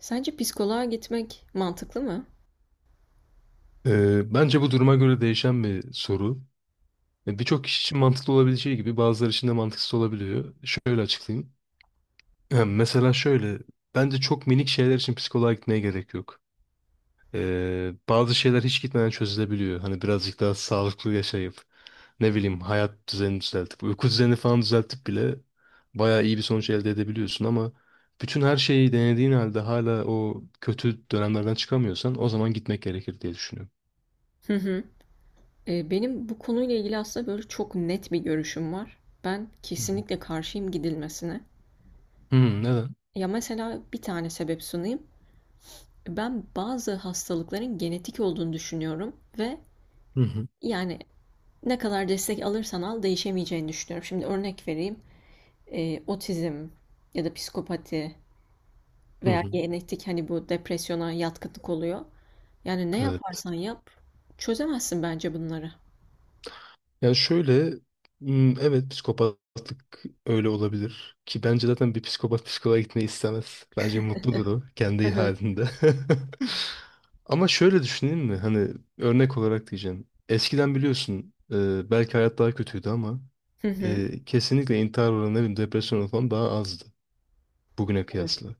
Sence psikoloğa gitmek mantıklı mı? Bence bu duruma göre değişen bir soru. Birçok kişi için mantıklı olabileceği gibi bazıları için de mantıksız olabiliyor. Şöyle açıklayayım. Mesela şöyle, bence çok minik şeyler için psikoloğa gitmeye gerek yok. Bazı şeyler hiç gitmeden çözülebiliyor. Hani birazcık daha sağlıklı yaşayıp, ne bileyim hayat düzenini düzeltip, uyku düzenini falan düzeltip bile bayağı iyi bir sonuç elde edebiliyorsun ama bütün her şeyi denediğin halde hala o kötü dönemlerden çıkamıyorsan o zaman gitmek gerekir diye düşünüyorum. Hı hı. Benim bu konuyla ilgili aslında böyle çok net bir görüşüm var. Ben Hı hı. kesinlikle karşıyım gidilmesine. Hmm, neden? Ya mesela bir tane sebep sunayım. Ben bazı hastalıkların genetik olduğunu düşünüyorum ve Hı hı. yani ne kadar destek alırsan al değişemeyeceğini düşünüyorum. Şimdi örnek vereyim. Otizm ya da psikopati Hı veya hı, genetik hani bu depresyona yatkınlık oluyor. Yani ne evet. yaparsan yap çözemezsin bence bunları. Yani şöyle, evet psikopatlık öyle olabilir ki bence zaten bir psikopat psikoloğa gitmeyi istemez. Bence mutludur o Hı kendi hı. halinde. Ama şöyle düşüneyim mi? Hani örnek olarak diyeceğim. Eskiden biliyorsun belki hayat daha kötüydü ama Hı hı. Kesinlikle intihar oranı ne bileyim, depresyon oranı falan daha azdı bugüne Evet. kıyasla.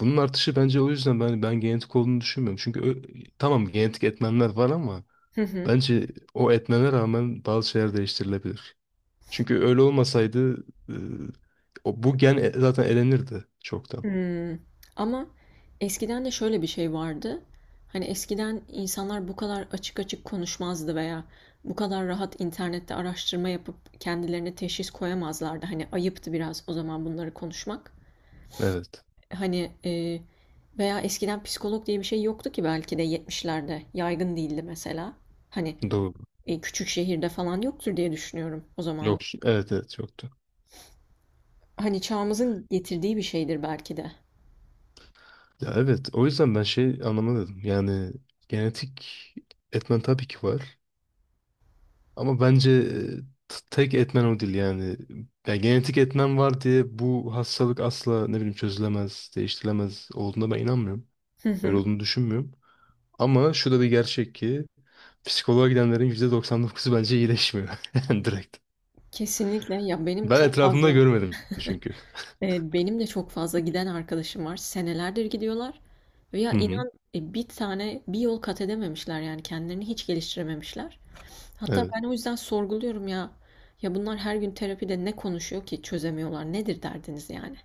Bunun artışı bence o yüzden ben genetik olduğunu düşünmüyorum. Tamam genetik etmenler var ama Hı hı. bence o etmene rağmen bazı şeyler değiştirilebilir. Çünkü öyle olmasaydı e, bu gen zaten elenirdi çoktan. Hımm. Ama eskiden de şöyle bir şey vardı. Hani eskiden insanlar bu kadar açık açık konuşmazdı veya bu kadar rahat internette araştırma yapıp kendilerine teşhis koyamazlardı. Hani ayıptı biraz o zaman bunları konuşmak. Evet. Hani veya eskiden psikolog diye bir şey yoktu ki belki de 70'lerde yaygın değildi mesela. Hani Doğru. Küçük şehirde falan yoktur diye düşünüyorum o zaman. Yok. Evet evet yoktu. Hani çağımızın getirdiği bir şeydir belki de. Ya evet o yüzden ben şey anlamadım. Yani genetik etmen tabii ki var. Ama bence tek etmen o değil yani. Ya genetik etmen var diye bu hastalık asla ne bileyim çözülemez, değiştirilemez olduğuna ben inanmıyorum. Hı Öyle hı. olduğunu düşünmüyorum. Ama şu da bir gerçek ki psikoloğa gidenlerin %99'u bence iyileşmiyor. Yani direkt. Kesinlikle. Ya, benim Ben çok etrafımda fazla, görmedim çünkü. Benim de çok fazla giden arkadaşım var. Senelerdir gidiyorlar ve ya Hı hı, inan, bir tane bir yol kat edememişler yani kendilerini hiç geliştirememişler. Hatta evet. ben o yüzden sorguluyorum ya. Ya bunlar her gün terapide ne konuşuyor ki çözemiyorlar? Nedir derdiniz yani?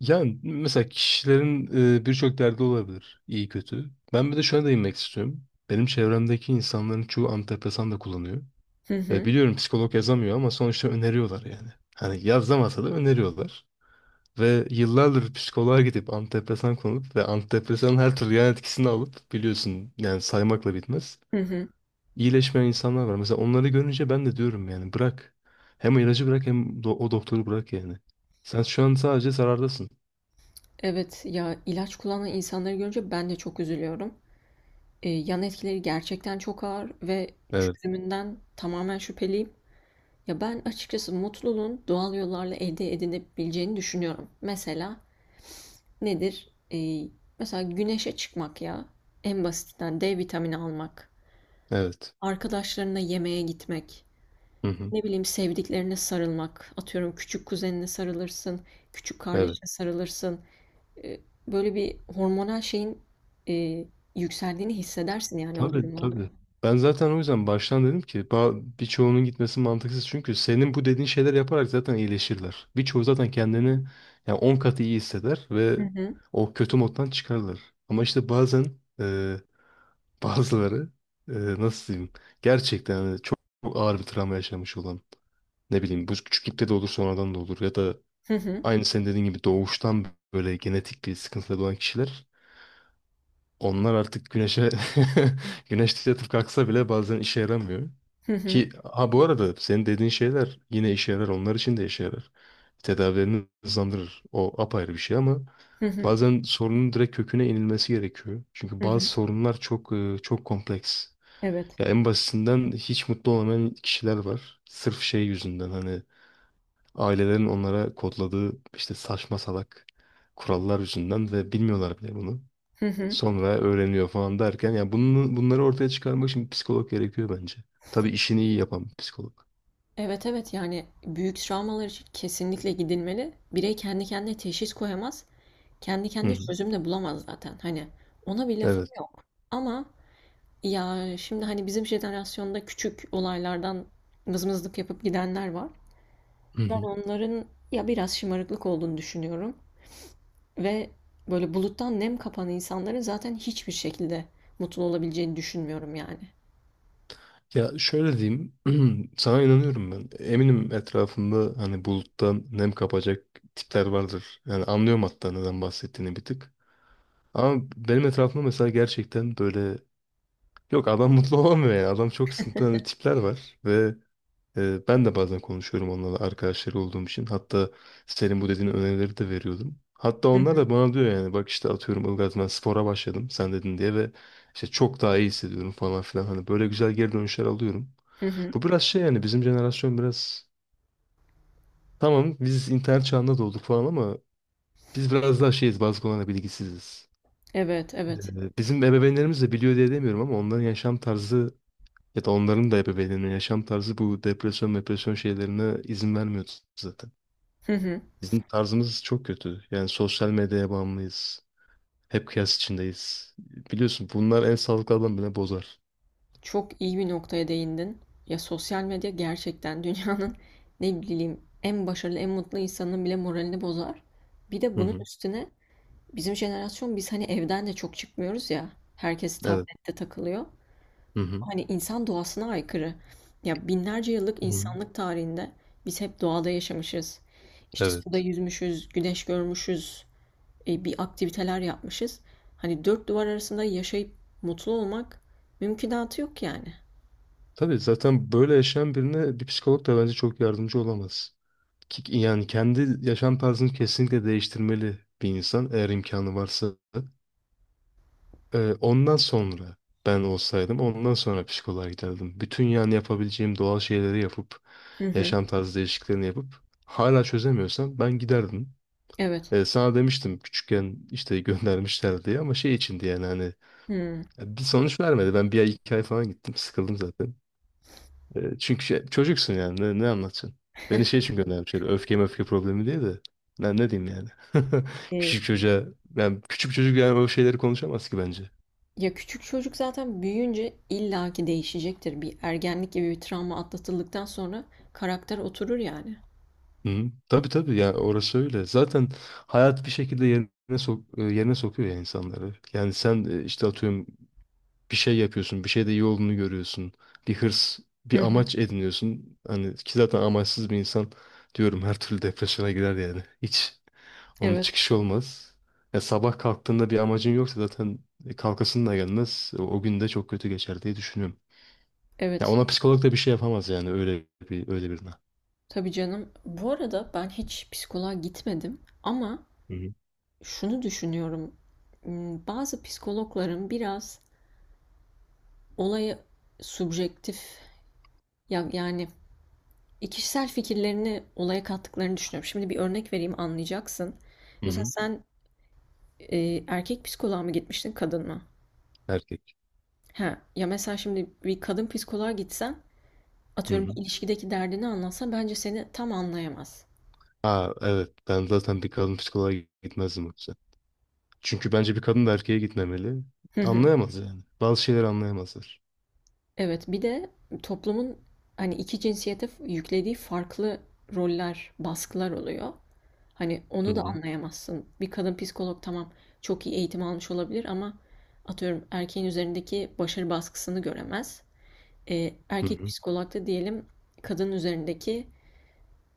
Yani mesela kişilerin birçok derdi olabilir. İyi kötü. Ben bir de şuna değinmek istiyorum. Benim çevremdeki insanların çoğu antidepresan da kullanıyor. Hı Ve hı. biliyorum psikolog yazamıyor ama sonuçta öneriyorlar yani. Hani yazamasa da öneriyorlar. Ve yıllardır psikoloğa gidip antidepresan kullanıp ve antidepresanın her türlü yan etkisini alıp biliyorsun yani saymakla bitmez. Hı hı. İyileşmeyen insanlar var. Mesela onları görünce ben de diyorum yani bırak. Hem ilacı bırak hem o doktoru bırak yani. Sen şu an sadece zarardasın. Evet, ya ilaç kullanan insanları görünce ben de çok üzülüyorum. Yan etkileri gerçekten çok ağır ve Evet, çözümünden tamamen şüpheliyim. Ya ben açıkçası mutluluğun doğal yollarla elde edilebileceğini düşünüyorum. Mesela nedir? Mesela güneşe çıkmak ya. En basitinden D vitamini almak. evet. Arkadaşlarına yemeğe gitmek. Hı hı, Ne bileyim sevdiklerine sarılmak. Atıyorum küçük kuzenine sarılırsın. Küçük evet. kardeşine sarılırsın. Ee, Böyle bir hormonal şeyin e, yükseldiğini hissedersin yani o Tabii, durumlarda. tabii. Ben zaten o yüzden baştan dedim ki birçoğunun gitmesi mantıksız. Çünkü senin bu dediğin şeyler yaparak zaten iyileşirler. Birçoğu zaten kendini yani 10 katı iyi hisseder ve Hı hı. o kötü moddan çıkarlar. Ama işte bazen e, bazıları nasıl diyeyim gerçekten hani çok ağır bir travma yaşamış olan ne bileyim bu küçüklükte de olur sonradan da olur ya da Hı hı. aynı senin dediğin gibi doğuştan böyle genetik bir sıkıntıda doğan kişiler onlar artık güneşte yatıp kalksa bile bazen işe yaramıyor. Hı hı. Ki ha bu arada senin dediğin şeyler yine işe yarar onlar için de işe yarar. Tedavilerini hızlandırır. O apayrı bir şey ama Hı hı. bazen sorunun direkt köküne inilmesi gerekiyor. Çünkü Hı bazı hı. sorunlar çok çok kompleks. Evet. Ya en basitinden hiç mutlu olamayan kişiler var. Sırf şey yüzünden hani ailelerin onlara kodladığı işte saçma salak kurallar yüzünden ve bilmiyorlar bile bunu. Sonra öğreniyor falan derken ya bunları ortaya çıkarmak için bir psikolog gerekiyor bence. Tabii işini iyi yapan bir psikolog. Evet, evet, yani büyük travmalar için kesinlikle gidilmeli. Birey kendi kendine teşhis koyamaz. Kendi Hı kendine hı. çözüm de bulamaz zaten. Hani ona bir lafım Evet. yok. Ama ya şimdi hani bizim jenerasyonda küçük olaylardan mızmızlık yapıp gidenler var. Hı Ben hı. onların ya biraz şımarıklık olduğunu düşünüyorum. Ve böyle buluttan nem kapan insanların zaten hiçbir şekilde mutlu olabileceğini düşünmüyorum yani. Ya şöyle diyeyim, sana inanıyorum ben. Eminim etrafında hani buluttan nem kapacak tipler vardır. Yani anlıyorum hatta neden bahsettiğini bir tık. Ama benim etrafımda mesela gerçekten böyle yok adam mutlu olamıyor yani. Adam çok sıkıntılı hani tipler var ve ben de bazen konuşuyorum onlarla arkadaşları olduğum için. Hatta senin bu dediğin önerileri de veriyordum. Hatta Hı onlar hı, da bana diyor yani bak işte atıyorum Ilgaz ben spora başladım sen dedin diye ve işte çok daha iyi hissediyorum falan filan. Hani böyle güzel geri dönüşler alıyorum. hı hı. Bu biraz şey yani bizim jenerasyon biraz tamam biz internet çağında doğduk falan ama biz biraz daha şeyiz bazı konularda bilgisiziz. Evet, evet. Bizim ebeveynlerimiz de biliyor diye demiyorum ama onların yaşam tarzı ya da onların da ebeveynlerinin yaşam tarzı bu depresyon şeylerine izin vermiyor zaten. Hı hı. Bizim tarzımız çok kötü. Yani sosyal medyaya bağımlıyız. Hep kıyas içindeyiz. Biliyorsun bunlar en sağlıklı adamı bile bozar. Çok iyi bir noktaya değindin. Ya sosyal medya gerçekten dünyanın ne bileyim en başarılı, en mutlu insanının bile moralini bozar. Bir de Hı bunun hı. üstüne bizim jenerasyon biz hani evden de çok çıkmıyoruz ya. Herkes Evet. tablette takılıyor. Hı hı. Hani insan doğasına aykırı. Ya binlerce yıllık Hı hı. insanlık tarihinde biz hep doğada yaşamışız. İşte suda Evet. yüzmüşüz, güneş görmüşüz, bir aktiviteler yapmışız. Hani dört duvar arasında yaşayıp mutlu olmak mümkünatı yok yani. Tabii zaten böyle yaşayan birine bir psikolog da bence çok yardımcı olamaz. Yani kendi yaşam tarzını kesinlikle değiştirmeli bir insan eğer imkanı varsa. Ondan sonra ben olsaydım ondan sonra psikoloğa giderdim. Bütün yani yapabileceğim doğal şeyleri yapıp Hı hı. yaşam tarzı değişikliklerini yapıp hala çözemiyorsam ben giderdim. Evet. Sana demiştim küçükken işte göndermişler diye ama şey içindi yani hani Hmm. ya bir sonuç vermedi. Ben bir ay iki ay falan gittim sıkıldım zaten. Çünkü çocuksun yani ne anlatacaksın? Beni şey için göndermişler öfke problemi diye de ne diyeyim yani. E, Küçük çocuğa yani küçük çocuk yani o şeyleri konuşamaz ki bence. Ya küçük çocuk zaten büyüyünce illaki değişecektir. Bir ergenlik gibi bir travma atlatıldıktan sonra karakter oturur yani. Hı. Tabii tabii ya orası öyle. Zaten hayat bir şekilde yerine sokuyor ya insanları. Yani sen işte atıyorum bir şey yapıyorsun, bir şeyde iyi olduğunu görüyorsun. Bir hırs, Hı bir hı. amaç ediniyorsun. Hani ki zaten amaçsız bir insan diyorum her türlü depresyona girer yani. Hiç onun Evet. çıkışı olmaz. Ya sabah kalktığında bir amacın yoksa zaten kalkasın da gelmez. O gün de çok kötü geçer diye düşünüyorum. Ya Evet. ona psikolog da bir şey yapamaz yani öyle birine. Tabii canım. Bu arada ben hiç psikoloğa gitmedim ama Hı hı. şunu düşünüyorum. Hmm, bazı psikologların biraz olaya subjektif ya yani kişisel fikirlerini olaya kattıklarını düşünüyorum. Şimdi bir örnek vereyim anlayacaksın. Hı Mesela hı. sen erkek psikoloğa mı gitmiştin, kadın mı? Erkek. Ha, ya mesela şimdi bir kadın psikoloğa gitsen, Hı atıyorum hı. bir ilişkideki derdini anlatsa bence seni tam anlayamaz. Ha evet ben zaten bir kadın psikoloğa gitmezdim yoksa. Çünkü bence bir kadın da erkeğe gitmemeli. Hı hı. Anlayamaz yani. Bazı şeyleri anlayamazlar. Evet, bir de toplumun hani iki cinsiyete yüklediği farklı roller, baskılar oluyor. Hani Hı onu da hı. anlayamazsın. Bir kadın psikolog tamam çok iyi eğitim almış olabilir ama atıyorum erkeğin üzerindeki başarı baskısını göremez. Hı Erkek hı. psikolog da diyelim kadının üzerindeki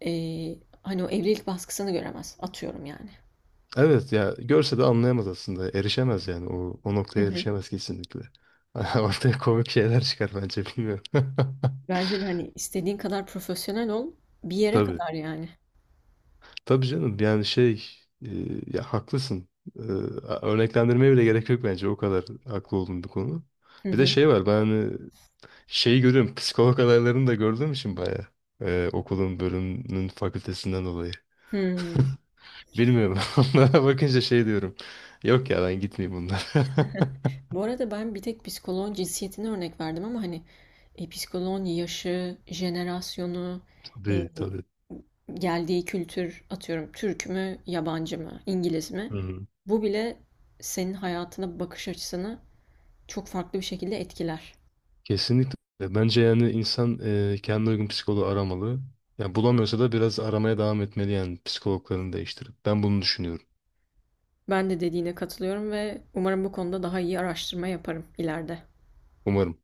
O evlilik baskısını göremez. Atıyorum yani. Evet ya görse de anlayamaz aslında. Erişemez yani. O Hı noktaya hı. erişemez kesinlikle. Ortaya komik şeyler çıkar bence bilmiyorum. Bence de, hani, istediğin kadar profesyonel ol, bir yere Tabii. kadar yani. Tabii canım yani e, ya haklısın. E, Örneklendirmeye bile gerek yok bence. O kadar haklı olduğum bir konu. Hı Bir de hı. şey var şeyi görüyorum. Psikolog adaylarını da gördüğüm için bayağı. Okulun bölümünün fakültesinden dolayı. Hımm. Bilmiyorum. Onlara bakınca şey diyorum. Yok ya ben gitmeyeyim bunlara. Bu arada ben bir tek psikoloğun cinsiyetini örnek verdim ama, hani, psikoloğun yaşı, jenerasyonu, eee, Tabii tabii. geldiği kültür, atıyorum Türk mü, yabancı mı, İngiliz mi? Hı-hı. Bu bile senin hayatına bakış açısını çok farklı bir şekilde etkiler. Kesinlikle. Bence yani insan kendine uygun psikoloğu aramalı. Yani bulamıyorsa da biraz aramaya devam etmeli yani psikologlarını değiştirip. Ben bunu düşünüyorum. Ben de dediğine katılıyorum ve umarım bu konuda daha iyi araştırma yaparım ileride. Umarım.